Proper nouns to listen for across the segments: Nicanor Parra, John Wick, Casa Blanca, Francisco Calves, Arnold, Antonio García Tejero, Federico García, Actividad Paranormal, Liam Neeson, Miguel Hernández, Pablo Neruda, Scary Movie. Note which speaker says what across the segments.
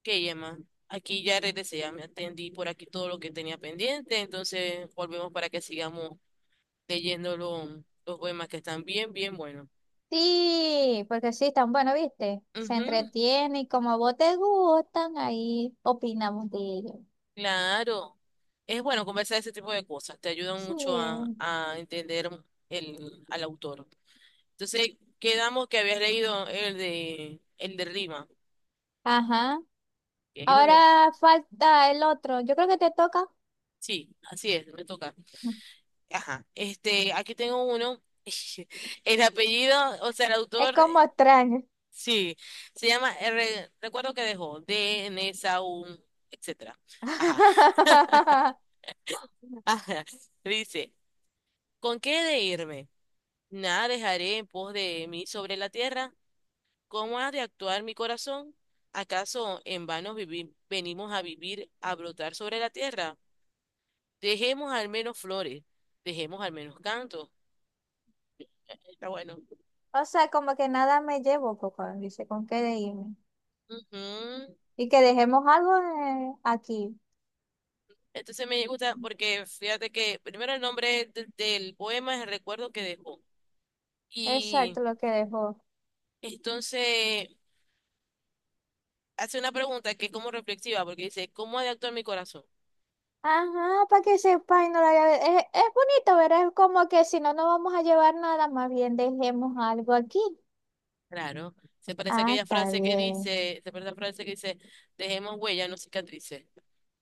Speaker 1: Ok, Emma, aquí ya regresé, ya me atendí por aquí todo lo que tenía pendiente, entonces volvemos para que sigamos leyendo los poemas que están bien, bien buenos.
Speaker 2: Sí, porque sí, están bueno, ¿viste? Se
Speaker 1: Ujú,
Speaker 2: entretiene y como a vos te gustan, ahí opinamos de ellos.
Speaker 1: claro, es bueno conversar ese tipo de cosas, te ayudan mucho a,
Speaker 2: Sí.
Speaker 1: a entender el, al autor. Entonces, quedamos que habías leído el de Rima,
Speaker 2: Ajá.
Speaker 1: que ahí es donde,
Speaker 2: Ahora falta el otro. Yo creo que te toca.
Speaker 1: sí, así es, me toca. Ajá, aquí tengo uno, el apellido, o sea, el
Speaker 2: Es
Speaker 1: autor.
Speaker 2: como extraño.
Speaker 1: Sí, se llama R, recuerdo que dejó DNSA, un, etcétera. Ajá, ajá. Dice, ¿con qué he de irme? Nada dejaré en pos de mí sobre la tierra. ¿Cómo ha de actuar mi corazón? ¿Acaso en vano venimos a vivir, a brotar sobre la tierra? Dejemos al menos flores, dejemos al menos canto. Está bueno.
Speaker 2: O sea, como que nada me llevo, poco, dice, ¿con qué de irme?
Speaker 1: Ujú.
Speaker 2: Y que dejemos algo aquí.
Speaker 1: Entonces me gusta porque fíjate que primero el nombre del poema es el recuerdo que dejó. Y
Speaker 2: Exacto, lo que dejó.
Speaker 1: entonces, hace una pregunta que es como reflexiva, porque dice, ¿cómo ha de actuar mi corazón?
Speaker 2: Ajá, para que sepa y no la llave. Es bonito, ¿verdad? Es como que si no vamos a llevar nada, más bien dejemos algo aquí.
Speaker 1: Claro,
Speaker 2: Ah, está bien.
Speaker 1: se parece a la frase que dice, dejemos huella, no cicatrices.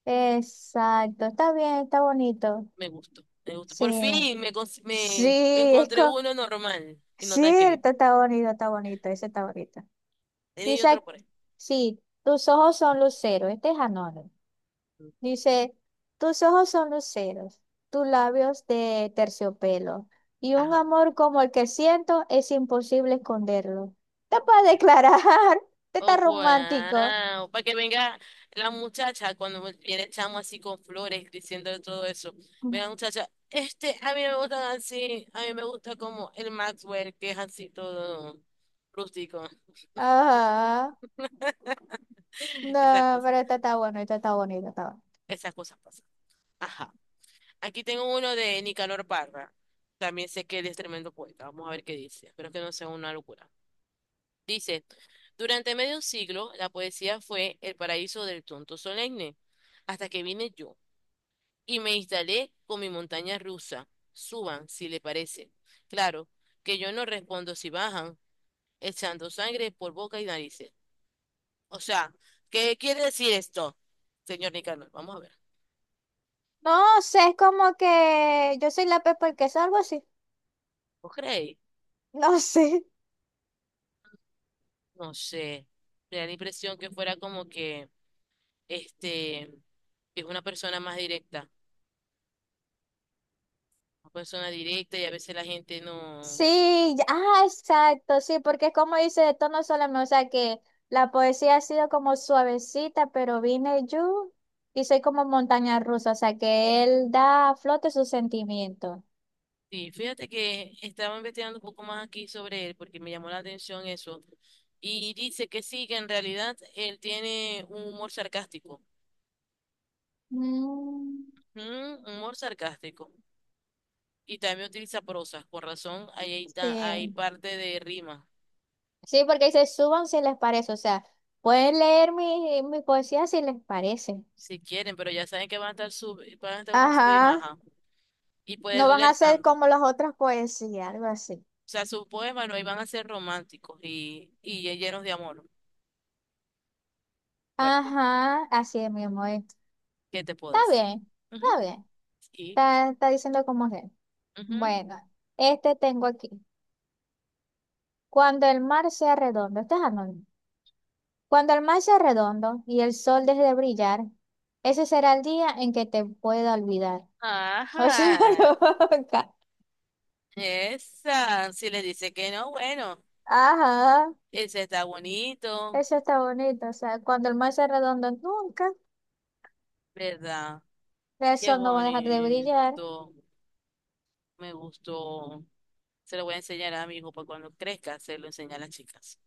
Speaker 2: Exacto, está bien, está bonito.
Speaker 1: Me gustó, me gustó. Por
Speaker 2: Sí,
Speaker 1: fin me,
Speaker 2: sí,
Speaker 1: me
Speaker 2: es
Speaker 1: encontré
Speaker 2: co-
Speaker 1: uno normal y no tan creíble.
Speaker 2: cierto, está bonito, ese está bonito.
Speaker 1: Tenía yo
Speaker 2: Dice,
Speaker 1: otro por ahí.
Speaker 2: sí, tus ojos son luceros, este es anónimo. Dice, tus ojos son luceros, tus labios de terciopelo, y un
Speaker 1: Ajá.
Speaker 2: amor como el que siento es imposible esconderlo. Te puedes declarar, te está
Speaker 1: Oh,
Speaker 2: romántico.
Speaker 1: wow. Para que venga la muchacha cuando viene el chamo así con flores diciendo todo eso. Mira, la muchacha, a mí me gusta así, a mí me gusta como el Maxwell, que es así todo rústico.
Speaker 2: Ajá.
Speaker 1: Esas
Speaker 2: No,
Speaker 1: cosas,
Speaker 2: pero esta está bueno, esta está bonita, está bueno.
Speaker 1: esas cosas pasan. Ajá. Aquí tengo uno de Nicanor Parra. También sé que él es tremendo poeta. Vamos a ver qué dice. Espero que no sea una locura. Dice, durante medio siglo, la poesía fue el paraíso del tonto solemne, hasta que vine yo y me instalé con mi montaña rusa. Suban, si le parece. Claro, que yo no respondo si bajan, echando sangre por boca y narices. O sea, ¿qué quiere decir esto, señor Nicanor? Vamos a ver.
Speaker 2: No sé, es como que yo soy la Pepa el queso, algo así.
Speaker 1: ¿Vos creéis?
Speaker 2: No sé.
Speaker 1: No sé. Me da la impresión que fuera como que, este, que es una persona más directa. Una persona directa y a veces la gente no.
Speaker 2: Sí, exacto, sí, porque como dice, de tono solamente, o sea que la poesía ha sido como suavecita, pero vine yo y soy como montaña rusa, o sea que él da a flote sus sentimientos.
Speaker 1: Sí, fíjate que estaba investigando un poco más aquí sobre él porque me llamó la atención eso. Y dice que sí, que en realidad él tiene un humor sarcástico.
Speaker 2: Mm,
Speaker 1: Mm, humor sarcástico. Y también utiliza prosa. Con razón, ahí hay, hay
Speaker 2: sí,
Speaker 1: parte de rima.
Speaker 2: sí, porque dice, suban si les parece, o sea, pueden leer mi poesía si les parece.
Speaker 1: Si quieren, pero ya saben que van a estar sub, van a estar una subimaja.
Speaker 2: Ajá,
Speaker 1: Y baja. Y puede
Speaker 2: no van a
Speaker 1: doler
Speaker 2: ser
Speaker 1: tanto. O
Speaker 2: como las otras poesías, algo así.
Speaker 1: sea, sus poemas no iban a ser románticos y llenos de amor fuerte.
Speaker 2: Ajá, así es mismo,
Speaker 1: ¿Qué te puedo
Speaker 2: Está
Speaker 1: decir?
Speaker 2: bien, está
Speaker 1: Ujú.
Speaker 2: bien,
Speaker 1: Sí.
Speaker 2: está, está diciendo como es. Bueno, este tengo aquí. Cuando el mar sea redondo, este es anónimo. Cuando el mar sea redondo y el sol deje de brillar, ese será el día en que te pueda olvidar. O sea,
Speaker 1: Ajá,
Speaker 2: nunca.
Speaker 1: esa, si le dice que no, bueno,
Speaker 2: Ajá,
Speaker 1: ese está bonito,
Speaker 2: eso está bonito. O sea, cuando el mar sea redondo, nunca.
Speaker 1: ¿verdad?
Speaker 2: El
Speaker 1: Qué
Speaker 2: sol no va a dejar de brillar.
Speaker 1: bonito, me gustó. Se lo voy a enseñar a mi hijo para cuando crezca, se lo enseña a las chicas.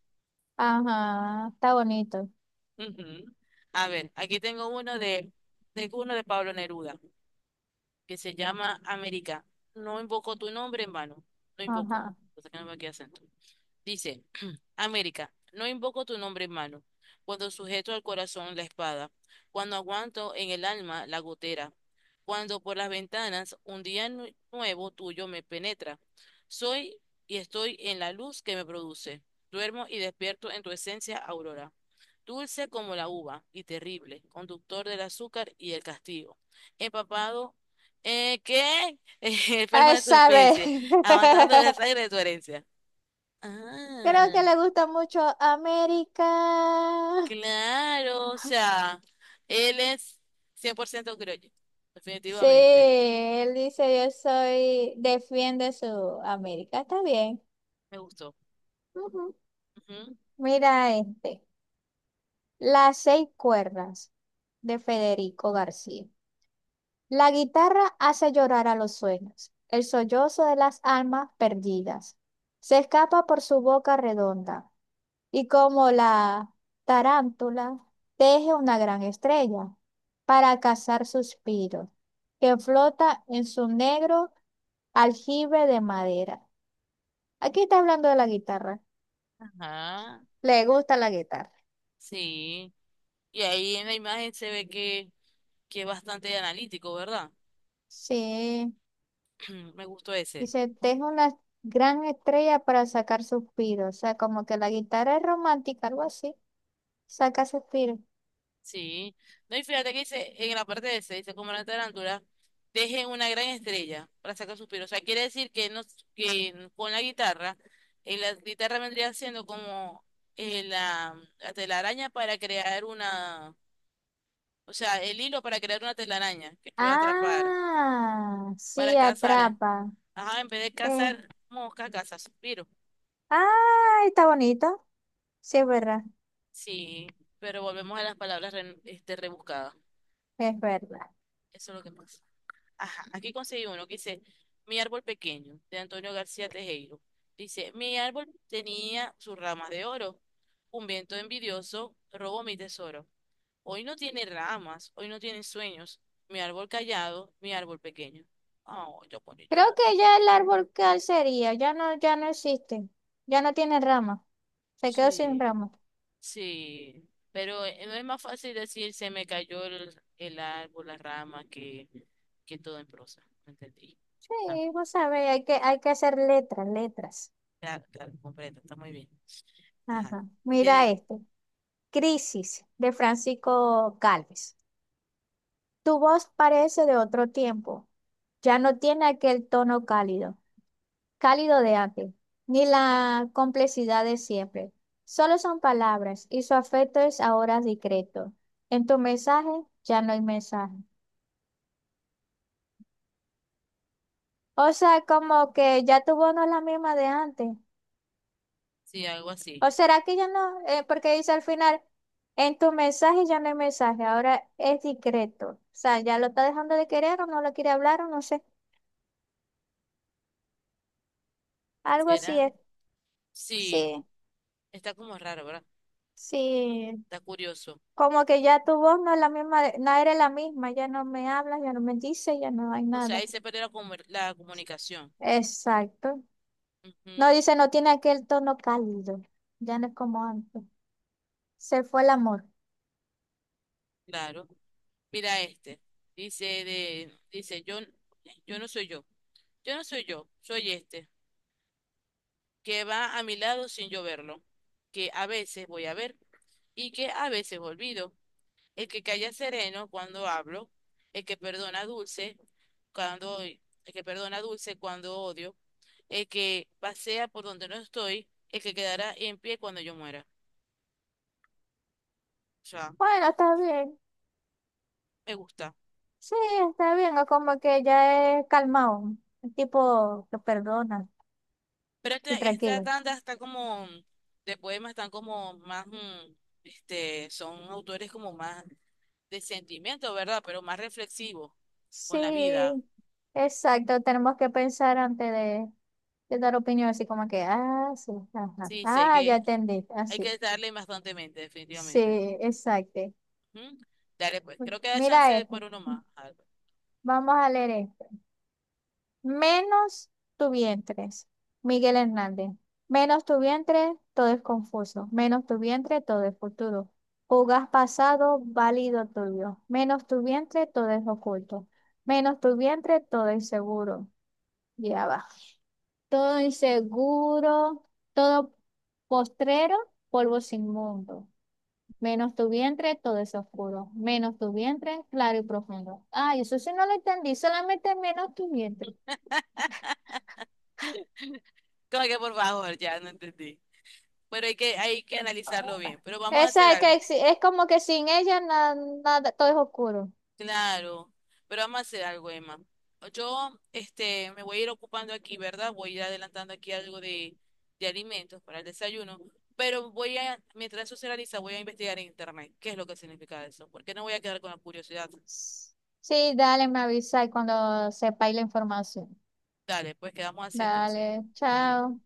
Speaker 2: Ajá, está bonito.
Speaker 1: Ujú. A ver, aquí tengo uno de Pablo Neruda, que se llama América. No invoco tu nombre en vano, no invoco,
Speaker 2: Ajá.
Speaker 1: o sea que no me queda acento. Dice, América, no invoco tu nombre en mano, cuando sujeto al corazón la espada, cuando aguanto en el alma la gotera, cuando por las ventanas un día nuevo tuyo me penetra. Soy y estoy en la luz que me produce. Duermo y despierto en tu esencia, aurora. Dulce como la uva y terrible, conductor del azúcar y el castigo. Empapado, ¿qué? enferma de tu
Speaker 2: Esa vez.
Speaker 1: especie, avanzando el aire de tu herencia.
Speaker 2: Creo que
Speaker 1: Ah,
Speaker 2: le gusta mucho América.
Speaker 1: claro, o sea, él es 100% criollo,
Speaker 2: Sí,
Speaker 1: definitivamente.
Speaker 2: él dice yo soy, defiende su América. Está bien.
Speaker 1: Me gustó.
Speaker 2: Ujú.
Speaker 1: Ujú,
Speaker 2: Mira este, Las Seis Cuerdas de Federico García. La guitarra hace llorar a los sueños, el sollozo de las almas perdidas. Se escapa por su boca redonda y como la tarántula teje una gran estrella para cazar suspiros que flota en su negro aljibe de madera. Aquí está hablando de la guitarra.
Speaker 1: ajá,
Speaker 2: Le gusta la guitarra.
Speaker 1: sí. Y ahí en la imagen se ve que es bastante analítico, ¿verdad?
Speaker 2: Sí,
Speaker 1: Me gustó ese.
Speaker 2: dice, teje una gran estrella para sacar suspiros. O sea, como que la guitarra es romántica, algo así. Saca suspiro.
Speaker 1: Sí. No, y fíjate que dice, en la parte de ese, dice, como la tarántula, dejen una gran estrella para sacar suspiro. O sea, quiere decir que, no, que con la guitarra vendría siendo como la telaraña para crear una, o sea, el hilo para crear una telaraña que pueda atrapar,
Speaker 2: Ah,
Speaker 1: para
Speaker 2: sí,
Speaker 1: cazar.
Speaker 2: atrapa.
Speaker 1: Ajá, en vez de
Speaker 2: Eh,
Speaker 1: cazar moscas, caza suspiro.
Speaker 2: está bonito. Sí, es verdad,
Speaker 1: Sí, pero volvemos a las palabras rebuscadas.
Speaker 2: es verdad.
Speaker 1: Eso es lo que pasa. Ajá, aquí conseguí uno que dice Mi árbol pequeño, de Antonio García Tejero. Dice, mi árbol tenía sus ramas de oro. Un viento envidioso robó mi tesoro. Hoy no tiene ramas, hoy no tiene sueños. Mi árbol callado, mi árbol pequeño. Oh, yo bonito
Speaker 2: Creo
Speaker 1: el árbol.
Speaker 2: que ya el árbol cal sería, ya no, ya no existe. Ya no tiene ramas. Se quedó sin
Speaker 1: Sí,
Speaker 2: ramas.
Speaker 1: sí. Pero no es más fácil decir se me cayó el árbol, la rama, que todo en prosa. ¿Me entendí? Ah,
Speaker 2: Sí, vos sabés, hay que hacer letras, letras.
Speaker 1: claro, claro, comprendo, está muy bien. Ajá.
Speaker 2: Ajá. Mira
Speaker 1: Tiene,
Speaker 2: este. Crisis, de Francisco Calves. Tu voz parece de otro tiempo. Ya no tiene aquel tono cálido. Cálido de antes, ni la complejidad de siempre. Solo son palabras y su afecto es ahora discreto. En tu mensaje ya no hay mensaje. O sea, como que ya tu voz no es la misma de antes.
Speaker 1: sí, algo así.
Speaker 2: ¿O será que ya no? Porque dice al final, en tu mensaje ya no hay mensaje, ahora es discreto. O sea, ya lo está dejando de querer o no lo quiere hablar o no sé. Algo así
Speaker 1: ¿Será?
Speaker 2: es.
Speaker 1: Sí,
Speaker 2: Sí,
Speaker 1: está como raro, ¿verdad?
Speaker 2: sí,
Speaker 1: Está curioso.
Speaker 2: como que ya tu voz no es la misma, no era la misma, ya no me hablas, ya no me dices, ya no hay
Speaker 1: O sea,
Speaker 2: nada.
Speaker 1: ahí se perdió la, la comunicación.
Speaker 2: Exacto.
Speaker 1: Ujú,
Speaker 2: No dice, no tiene aquel tono cálido, ya no es como antes. Se fue el amor.
Speaker 1: claro. Mira este. Dice de, dice, yo no soy yo. Yo no soy yo, soy este, que va a mi lado sin yo verlo, que a veces voy a ver y que a veces olvido, el que calla sereno cuando hablo, el que perdona dulce el que perdona dulce cuando odio, el que pasea por donde no estoy, el que quedará en pie cuando yo muera. O sea,
Speaker 2: Bueno, está bien.
Speaker 1: me gusta.
Speaker 2: Sí, está bien, o como que ya es calmado, el tipo que perdona
Speaker 1: Pero esta,
Speaker 2: y
Speaker 1: esta
Speaker 2: tranquilo.
Speaker 1: tanda está como de poemas, están como más, mm, son autores como más de sentimiento, ¿verdad? Pero más reflexivos con la vida.
Speaker 2: Sí, exacto, tenemos que pensar antes de dar opinión, así como que, ah, sí, ajá,
Speaker 1: Sí, sí,
Speaker 2: ah, ya entendí,
Speaker 1: hay
Speaker 2: así.
Speaker 1: que darle bastantemente, definitivamente.
Speaker 2: Sí, exacto.
Speaker 1: Ujú. Dale, pues, creo que da
Speaker 2: Mira
Speaker 1: chance
Speaker 2: este.
Speaker 1: por uno más. A
Speaker 2: Vamos a leer este. Menos tu vientre, Miguel Hernández. Menos tu vientre, todo es confuso. Menos tu vientre, todo es futuro. Jugas pasado, válido tuyo. Menos tu vientre, todo es oculto. Menos tu vientre, todo es seguro. Ya va. Todo inseguro, todo postrero, polvo sin mundo. Menos tu vientre, todo es oscuro. Menos tu vientre, claro y profundo. Ay, eso sí no lo entendí, solamente menos tu vientre.
Speaker 1: como que por favor, ya no entendí. Pero hay que analizarlo bien. Pero vamos a hacer
Speaker 2: Esa es que
Speaker 1: algo.
Speaker 2: es como que sin ella nada, todo es oscuro.
Speaker 1: Claro, pero vamos a hacer algo, Emma. Yo, me voy a ir ocupando aquí, ¿verdad? Voy a ir adelantando aquí algo de alimentos para el desayuno. Pero voy a, mientras eso se realiza, voy a investigar en internet qué es lo que significa eso. Porque no voy a quedar con la curiosidad.
Speaker 2: Sí, dale, me avisa y cuando sepáis la información.
Speaker 1: Dale, pues quedamos así entonces.
Speaker 2: Dale,
Speaker 1: Bye.
Speaker 2: chao.